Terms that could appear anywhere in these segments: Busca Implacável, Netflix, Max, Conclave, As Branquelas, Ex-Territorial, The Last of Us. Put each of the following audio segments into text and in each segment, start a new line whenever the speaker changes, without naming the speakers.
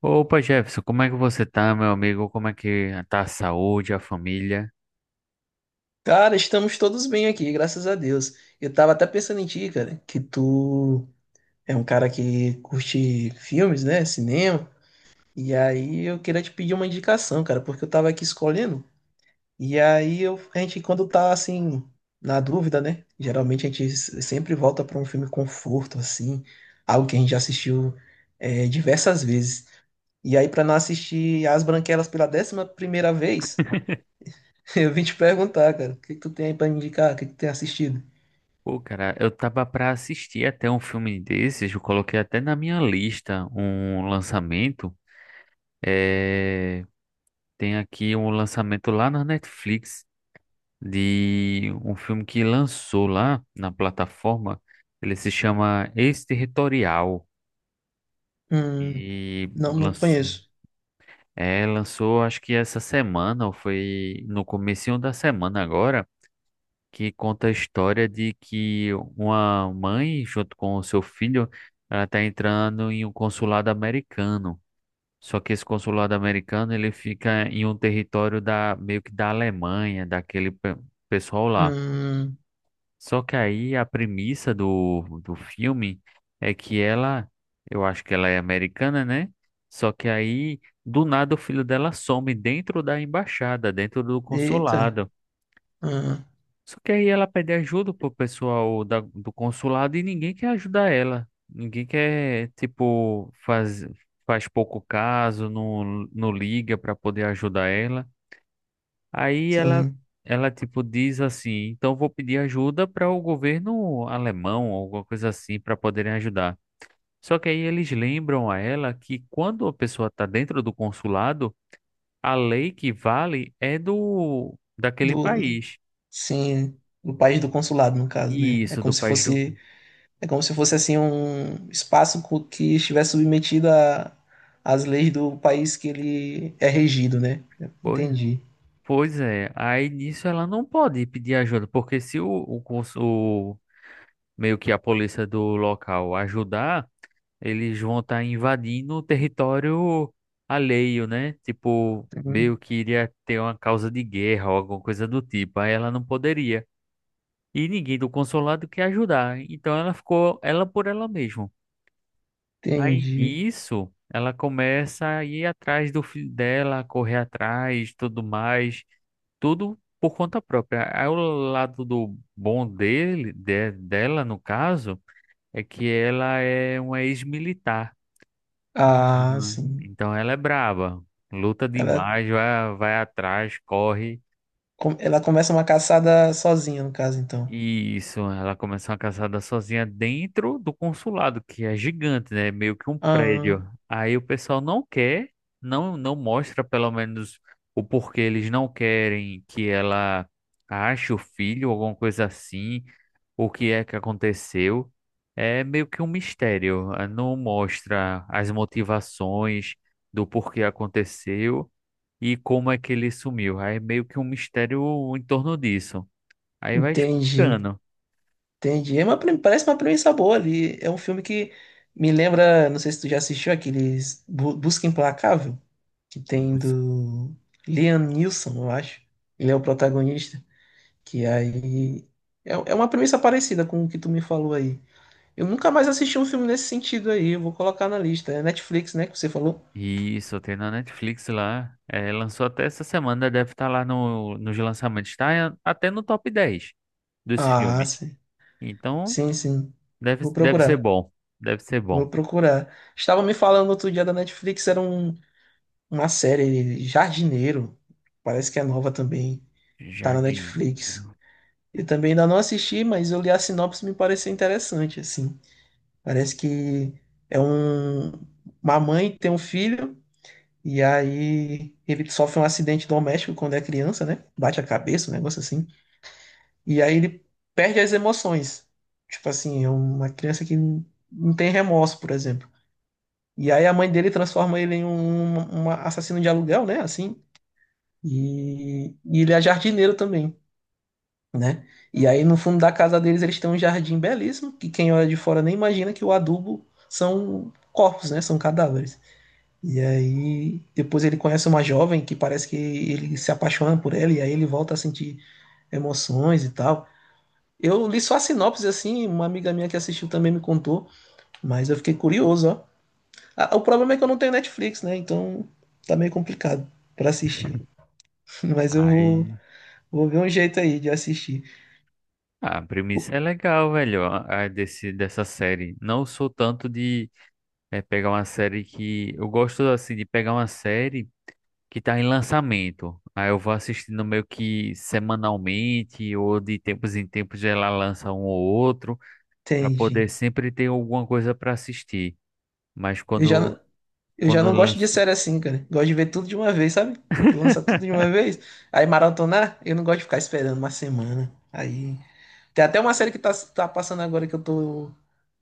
Opa, Jefferson, como é que você tá, meu amigo? Como é que tá a saúde, a família?
Cara, estamos todos bem aqui, graças a Deus. Eu tava até pensando em ti, cara, que tu é um cara que curte filmes, né? Cinema. E aí eu queria te pedir uma indicação, cara, porque eu tava aqui escolhendo. E aí a gente, quando tá assim, na dúvida, né? Geralmente a gente sempre volta pra um filme conforto, assim, algo que a gente já assistiu diversas vezes. E aí, pra não assistir As Branquelas pela décima primeira vez, eu vim te perguntar, cara, o que que tu tem aí pra me indicar? O que que tu tem assistido?
Pô, cara, eu tava pra assistir até um filme desses, eu coloquei até na minha lista um lançamento. É... Tem aqui um lançamento lá na Netflix de um filme que lançou lá na plataforma. Ele se chama Ex-Territorial.
Hum,
E
não
lançou,
conheço.
lançou acho que essa semana, ou foi no comecinho da semana agora, que conta a história de que uma mãe, junto com o seu filho, ela está entrando em um consulado americano. Só que esse consulado americano ele fica em um território da meio que da Alemanha, daquele pessoal lá.
Hum,
Só que aí a premissa do filme é que ela, eu acho que ela é americana, né? Só que aí do nada o filho dela some dentro da embaixada, dentro do
eita.
consulado.
Hum,
Só que aí ela pede ajuda pro pessoal do consulado e ninguém quer ajudar ela. Ninguém quer, tipo, faz pouco caso, não liga para poder ajudar ela. Aí
sim.
ela, tipo, diz assim: então vou pedir ajuda para o governo alemão, alguma coisa assim, para poderem ajudar. Só que aí eles lembram a ela que quando a pessoa está dentro do consulado, a lei que vale é do daquele
Do, do-
país.
sim, do país do consulado, no caso, né?
Isso, do país do.
É como se fosse assim um espaço que estivesse submetido às leis do país que ele é regido, né?
Pois
Entendi.
Pois é, aí nisso ela não pode pedir ajuda, porque se meio que a polícia do local ajudar, eles vão estar invadindo o território alheio, né? Tipo,
Hum,
meio que iria ter uma causa de guerra ou alguma coisa do tipo. Aí ela não poderia. E ninguém do consulado quer ajudar. Então ela ficou ela por ela mesma. Aí
Entendi.
nisso, ela começa a ir atrás do filho dela, correr atrás, tudo mais, tudo por conta própria. Aí o lado do bom dele, dela no caso, é que ela é uma ex-militar.
Ah,
Uhum.
sim.
Então ela é braba, luta
Ela,
demais, vai atrás, corre.
ela começa uma caçada sozinha, no caso, então.
Isso, ela começou uma caçada sozinha dentro do consulado, que é gigante, né? Meio que um
Ah,
prédio. Aí o pessoal não quer, não mostra pelo menos o porquê eles não querem que ela ache o filho, alguma coisa assim, o que é que aconteceu. É meio que um mistério, não mostra as motivações do porquê aconteceu e como é que ele sumiu. Aí é meio que um mistério em torno disso. Aí vai
entendi.
explicando.
Entendi. É uma, parece uma premissa boa ali. É um filme que me lembra, não sei se tu já assistiu aqueles Busca Implacável, que tem do Liam Neeson, eu acho. Ele é o protagonista. Que aí é uma premissa parecida com o que tu me falou aí. Eu nunca mais assisti um filme nesse sentido aí. Eu vou colocar na lista. É Netflix, né, que você falou?
Isso, tem na Netflix lá. É, lançou até essa semana, deve estar lá no, nos lançamentos. Tá até no top 10 dos
Ah,
filmes.
sim.
Então,
Sim, sim. Vou
deve ser
procurar.
bom. Deve ser
Vou
bom.
procurar. Estava me falando outro dia da Netflix, era uma série Jardineiro, parece que é nova também, tá na Netflix.
Jardineiro.
Eu também ainda não assisti, mas eu li a sinopse e me pareceu interessante, assim. Parece que é um, uma mãe que tem um filho e aí ele sofre um acidente doméstico quando é criança, né? Bate a cabeça, um negócio assim. E aí ele perde as emoções. Tipo assim, é uma criança que não tem remorso, por exemplo. E aí a mãe dele transforma ele em um assassino de aluguel, né? Assim. E ele é jardineiro também, né? E aí no fundo da casa deles eles têm um jardim belíssimo, que quem olha de fora nem imagina que o adubo são corpos, né? São cadáveres. E aí depois ele conhece uma jovem que parece que ele se apaixona por ela e aí ele volta a sentir emoções e tal. Eu li só a sinopse assim, uma amiga minha que assistiu também me contou, mas eu fiquei curioso, ó. Ah, o problema é que eu não tenho Netflix, né? Então tá meio complicado pra assistir. Mas eu vou,
Aí.
vou ver um jeito aí de assistir.
Ah, a premissa é legal, velho, a desse, dessa série. Não sou tanto de pegar uma série que. Eu gosto, assim, de pegar uma série que tá em lançamento. Aí eu vou assistindo meio que semanalmente ou de tempos em tempos ela lança um ou outro para poder
Entendi.
sempre ter alguma coisa para assistir. Mas
Eu já,
quando
não- eu já não gosto de
lança,
série assim, cara. Gosto de ver tudo de uma vez, sabe? Lança tudo de uma vez. Aí maratonar, eu não gosto de ficar esperando uma semana. Aí. Tem até uma série que tá passando agora que eu tô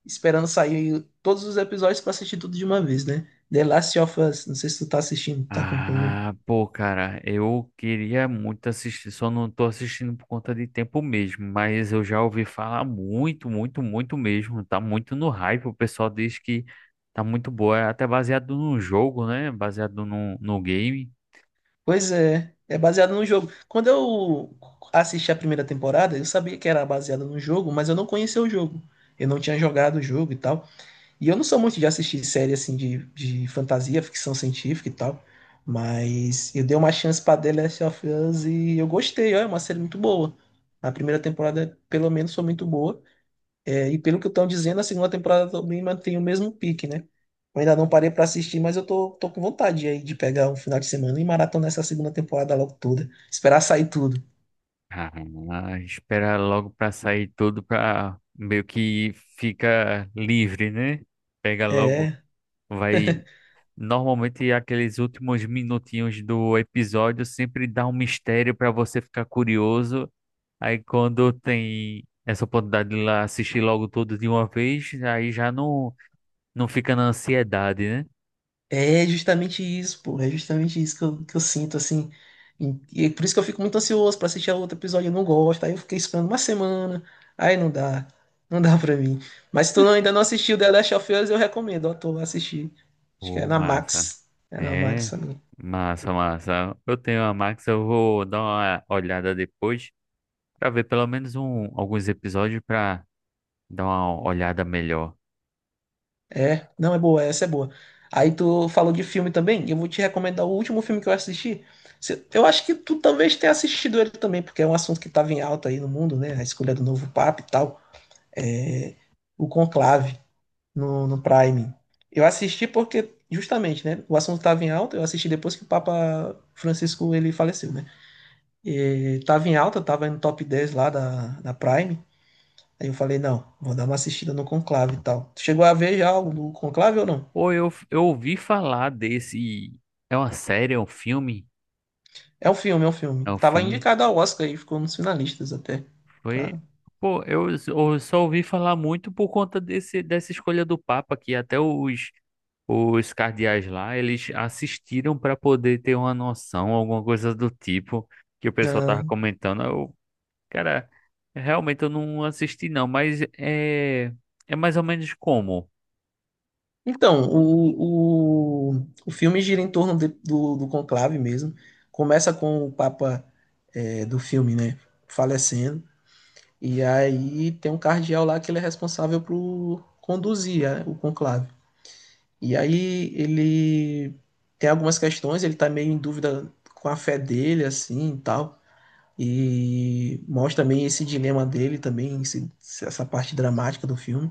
esperando sair todos os episódios pra assistir tudo de uma vez, né? The Last of Us. Não sei se tu tá assistindo, tu acompanhou.
ah, pô, cara, eu queria muito assistir, só não tô assistindo por conta de tempo mesmo, mas eu já ouvi falar muito, muito, muito mesmo, tá muito no hype, o pessoal diz que tá muito boa, é até baseado num jogo, né? Baseado num no game.
Pois é, é baseado no jogo. Quando eu assisti a primeira temporada, eu sabia que era baseado no jogo, mas eu não conhecia o jogo. Eu não tinha jogado o jogo e tal. E eu não sou muito de assistir série assim de fantasia, ficção científica e tal. Mas eu dei uma chance pra The Last of Us e eu gostei, ó, é uma série muito boa. A primeira temporada, pelo menos, foi muito boa. É, e pelo que estão dizendo, a segunda temporada também mantém o mesmo pique, né? Eu ainda não parei pra assistir, mas tô com vontade aí de pegar um final de semana e maratonar essa segunda temporada logo toda. Esperar sair tudo.
Ah, espera logo pra sair tudo pra meio que fica livre, né? Pega logo,
É.
vai. Normalmente aqueles últimos minutinhos do episódio sempre dá um mistério pra você ficar curioso. Aí quando tem essa oportunidade de ir lá assistir logo tudo de uma vez, aí já não fica na ansiedade, né?
É justamente isso, pô. É justamente isso que eu sinto, assim. E por isso que eu fico muito ansioso pra assistir a outro episódio. Eu não gosto. Aí eu fiquei esperando uma semana. Aí não dá. Não dá pra mim. Mas se tu não- ainda não assistiu The Last of Us, eu recomendo. Ó, tu vai assistir. Acho que é
Pô,
na
massa.
Max. É na Max
É,
também.
massa, massa. Eu tenho a Max, eu vou dar uma olhada depois pra ver pelo menos um, alguns episódios pra dar uma olhada melhor.
É. Não, é boa. Essa é boa. Aí tu falou de filme também. Eu vou te recomendar o último filme que eu assisti. Eu acho que tu talvez tenha assistido ele também, porque é um assunto que estava em alta aí no mundo, né? A escolha do novo Papa e tal. É, o Conclave no Prime. Eu assisti porque, justamente, né? O assunto estava em alta, eu assisti depois que o Papa Francisco ele faleceu, né? E tava em alta, tava no top 10 lá da Prime. Aí eu falei, não, vou dar uma assistida no Conclave e tal. Tu chegou a ver já algo do Conclave ou não?
Pô, eu ouvi falar desse. É uma série, é um filme?
É um filme.
É um
Tava
filme.
indicado ao Oscar e ficou nos finalistas até. Pra,
Foi. Pô, eu só ouvi falar muito por conta desse, dessa escolha do Papa, que até os cardeais lá, eles assistiram pra poder ter uma noção, alguma coisa do tipo, que o pessoal tava
ah,
comentando. Eu, cara, realmente eu não assisti não, mas é, é mais ou menos como.
então, o filme gira em torno do, do conclave mesmo. Começa com o Papa é, do filme, né, falecendo. E aí tem um cardeal lá que ele é responsável por conduzir é, o conclave. E aí ele tem algumas questões, ele tá meio em dúvida com a fé dele, assim, e tal. E mostra também esse dilema dele também, essa parte dramática do filme.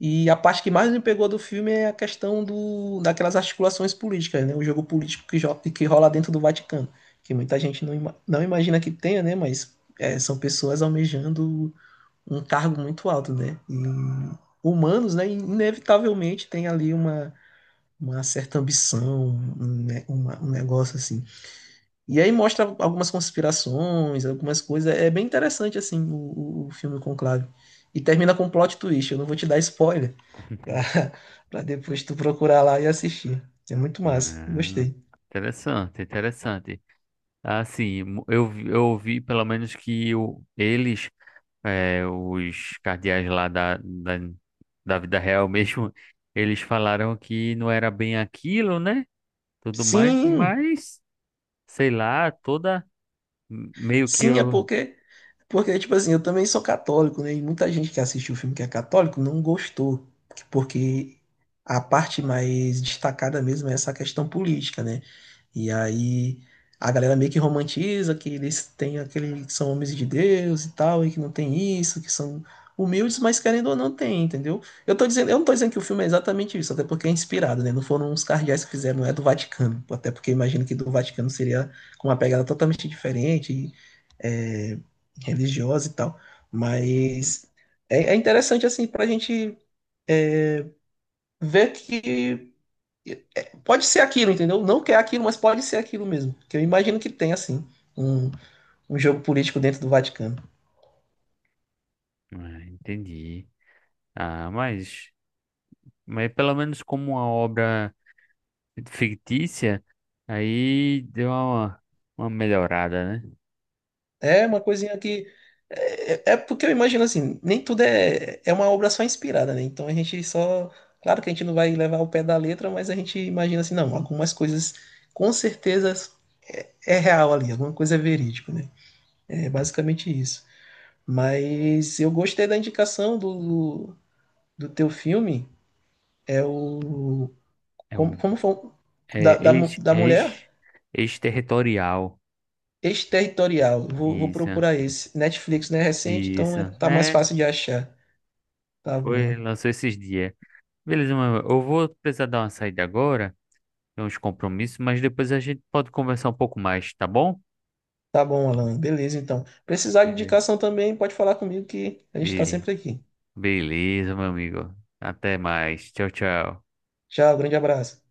E a parte que mais me pegou do filme é a questão daquelas articulações políticas, né? O jogo político que, que rola dentro do Vaticano, que muita gente não, não imagina que tenha, né? Mas é, são pessoas almejando um cargo muito alto, né? E humanos, né? Inevitavelmente tem ali uma certa ambição, um, um negócio assim. E aí mostra algumas conspirações, algumas coisas. É bem interessante, assim, o o filme Conclave. E termina com um plot twist. Eu não vou te dar spoiler pra, pra depois tu procurar lá e assistir. É muito massa,
Ah,
gostei.
interessante, interessante. Assim, eu ouvi pelo menos que eles, os cardeais lá da vida real mesmo, eles falaram que não era bem aquilo, né? Tudo mais,
Sim,
mas sei lá, toda meio que
sim, é
eu.
porque, porque, tipo assim, eu também sou católico, né? E muita gente que assistiu o filme que é católico não gostou, porque a parte mais destacada mesmo é essa questão política, né? E aí a galera meio que romantiza que eles têm aquele, que são homens de Deus e tal, e que não tem isso, que são humildes, mas querendo ou não tem, entendeu? Eu tô dizendo, eu não tô dizendo que o filme é exatamente isso, até porque é inspirado, né? Não foram uns cardeais que fizeram, não é do Vaticano, até porque imagino que do Vaticano seria com uma pegada totalmente diferente é, religiosa e tal. Mas é, é interessante, assim, pra gente ver que é, pode ser aquilo, entendeu? Não que é aquilo, mas pode ser aquilo mesmo. Que eu imagino que tem, assim, um, um jogo político dentro do Vaticano.
Ah, entendi. Ah, mas pelo menos como uma obra fictícia, aí deu uma melhorada, né?
É uma coisinha que. É, é porque eu imagino assim, nem tudo é, é uma obra só inspirada, né? Então a gente só. Claro que a gente não vai levar ao pé da letra, mas a gente imagina assim, não, algumas coisas com certeza é, é real ali, alguma coisa é verídico, né? É basicamente isso. Mas eu gostei da indicação do do teu filme. É o. Como,
Eu
como foi? O-
é ex,
Da mulher?
ex, ex-territorial.
Exterritorial. Vou
Isso,
procurar esse. Netflix, né? É recente, então
isso.
é, tá mais
É,
fácil de achar. Tá bom.
foi, lançou esses dias. Beleza, mas eu vou precisar dar uma saída agora, tem uns compromissos, mas depois a gente pode conversar um pouco mais, tá bom?
Tá bom, Alan. Beleza, então. Precisar de
Beleza,
indicação também, pode falar comigo que a gente tá
Bele-
sempre aqui.
beleza, meu amigo. Até mais. Tchau, tchau.
Tchau, grande abraço.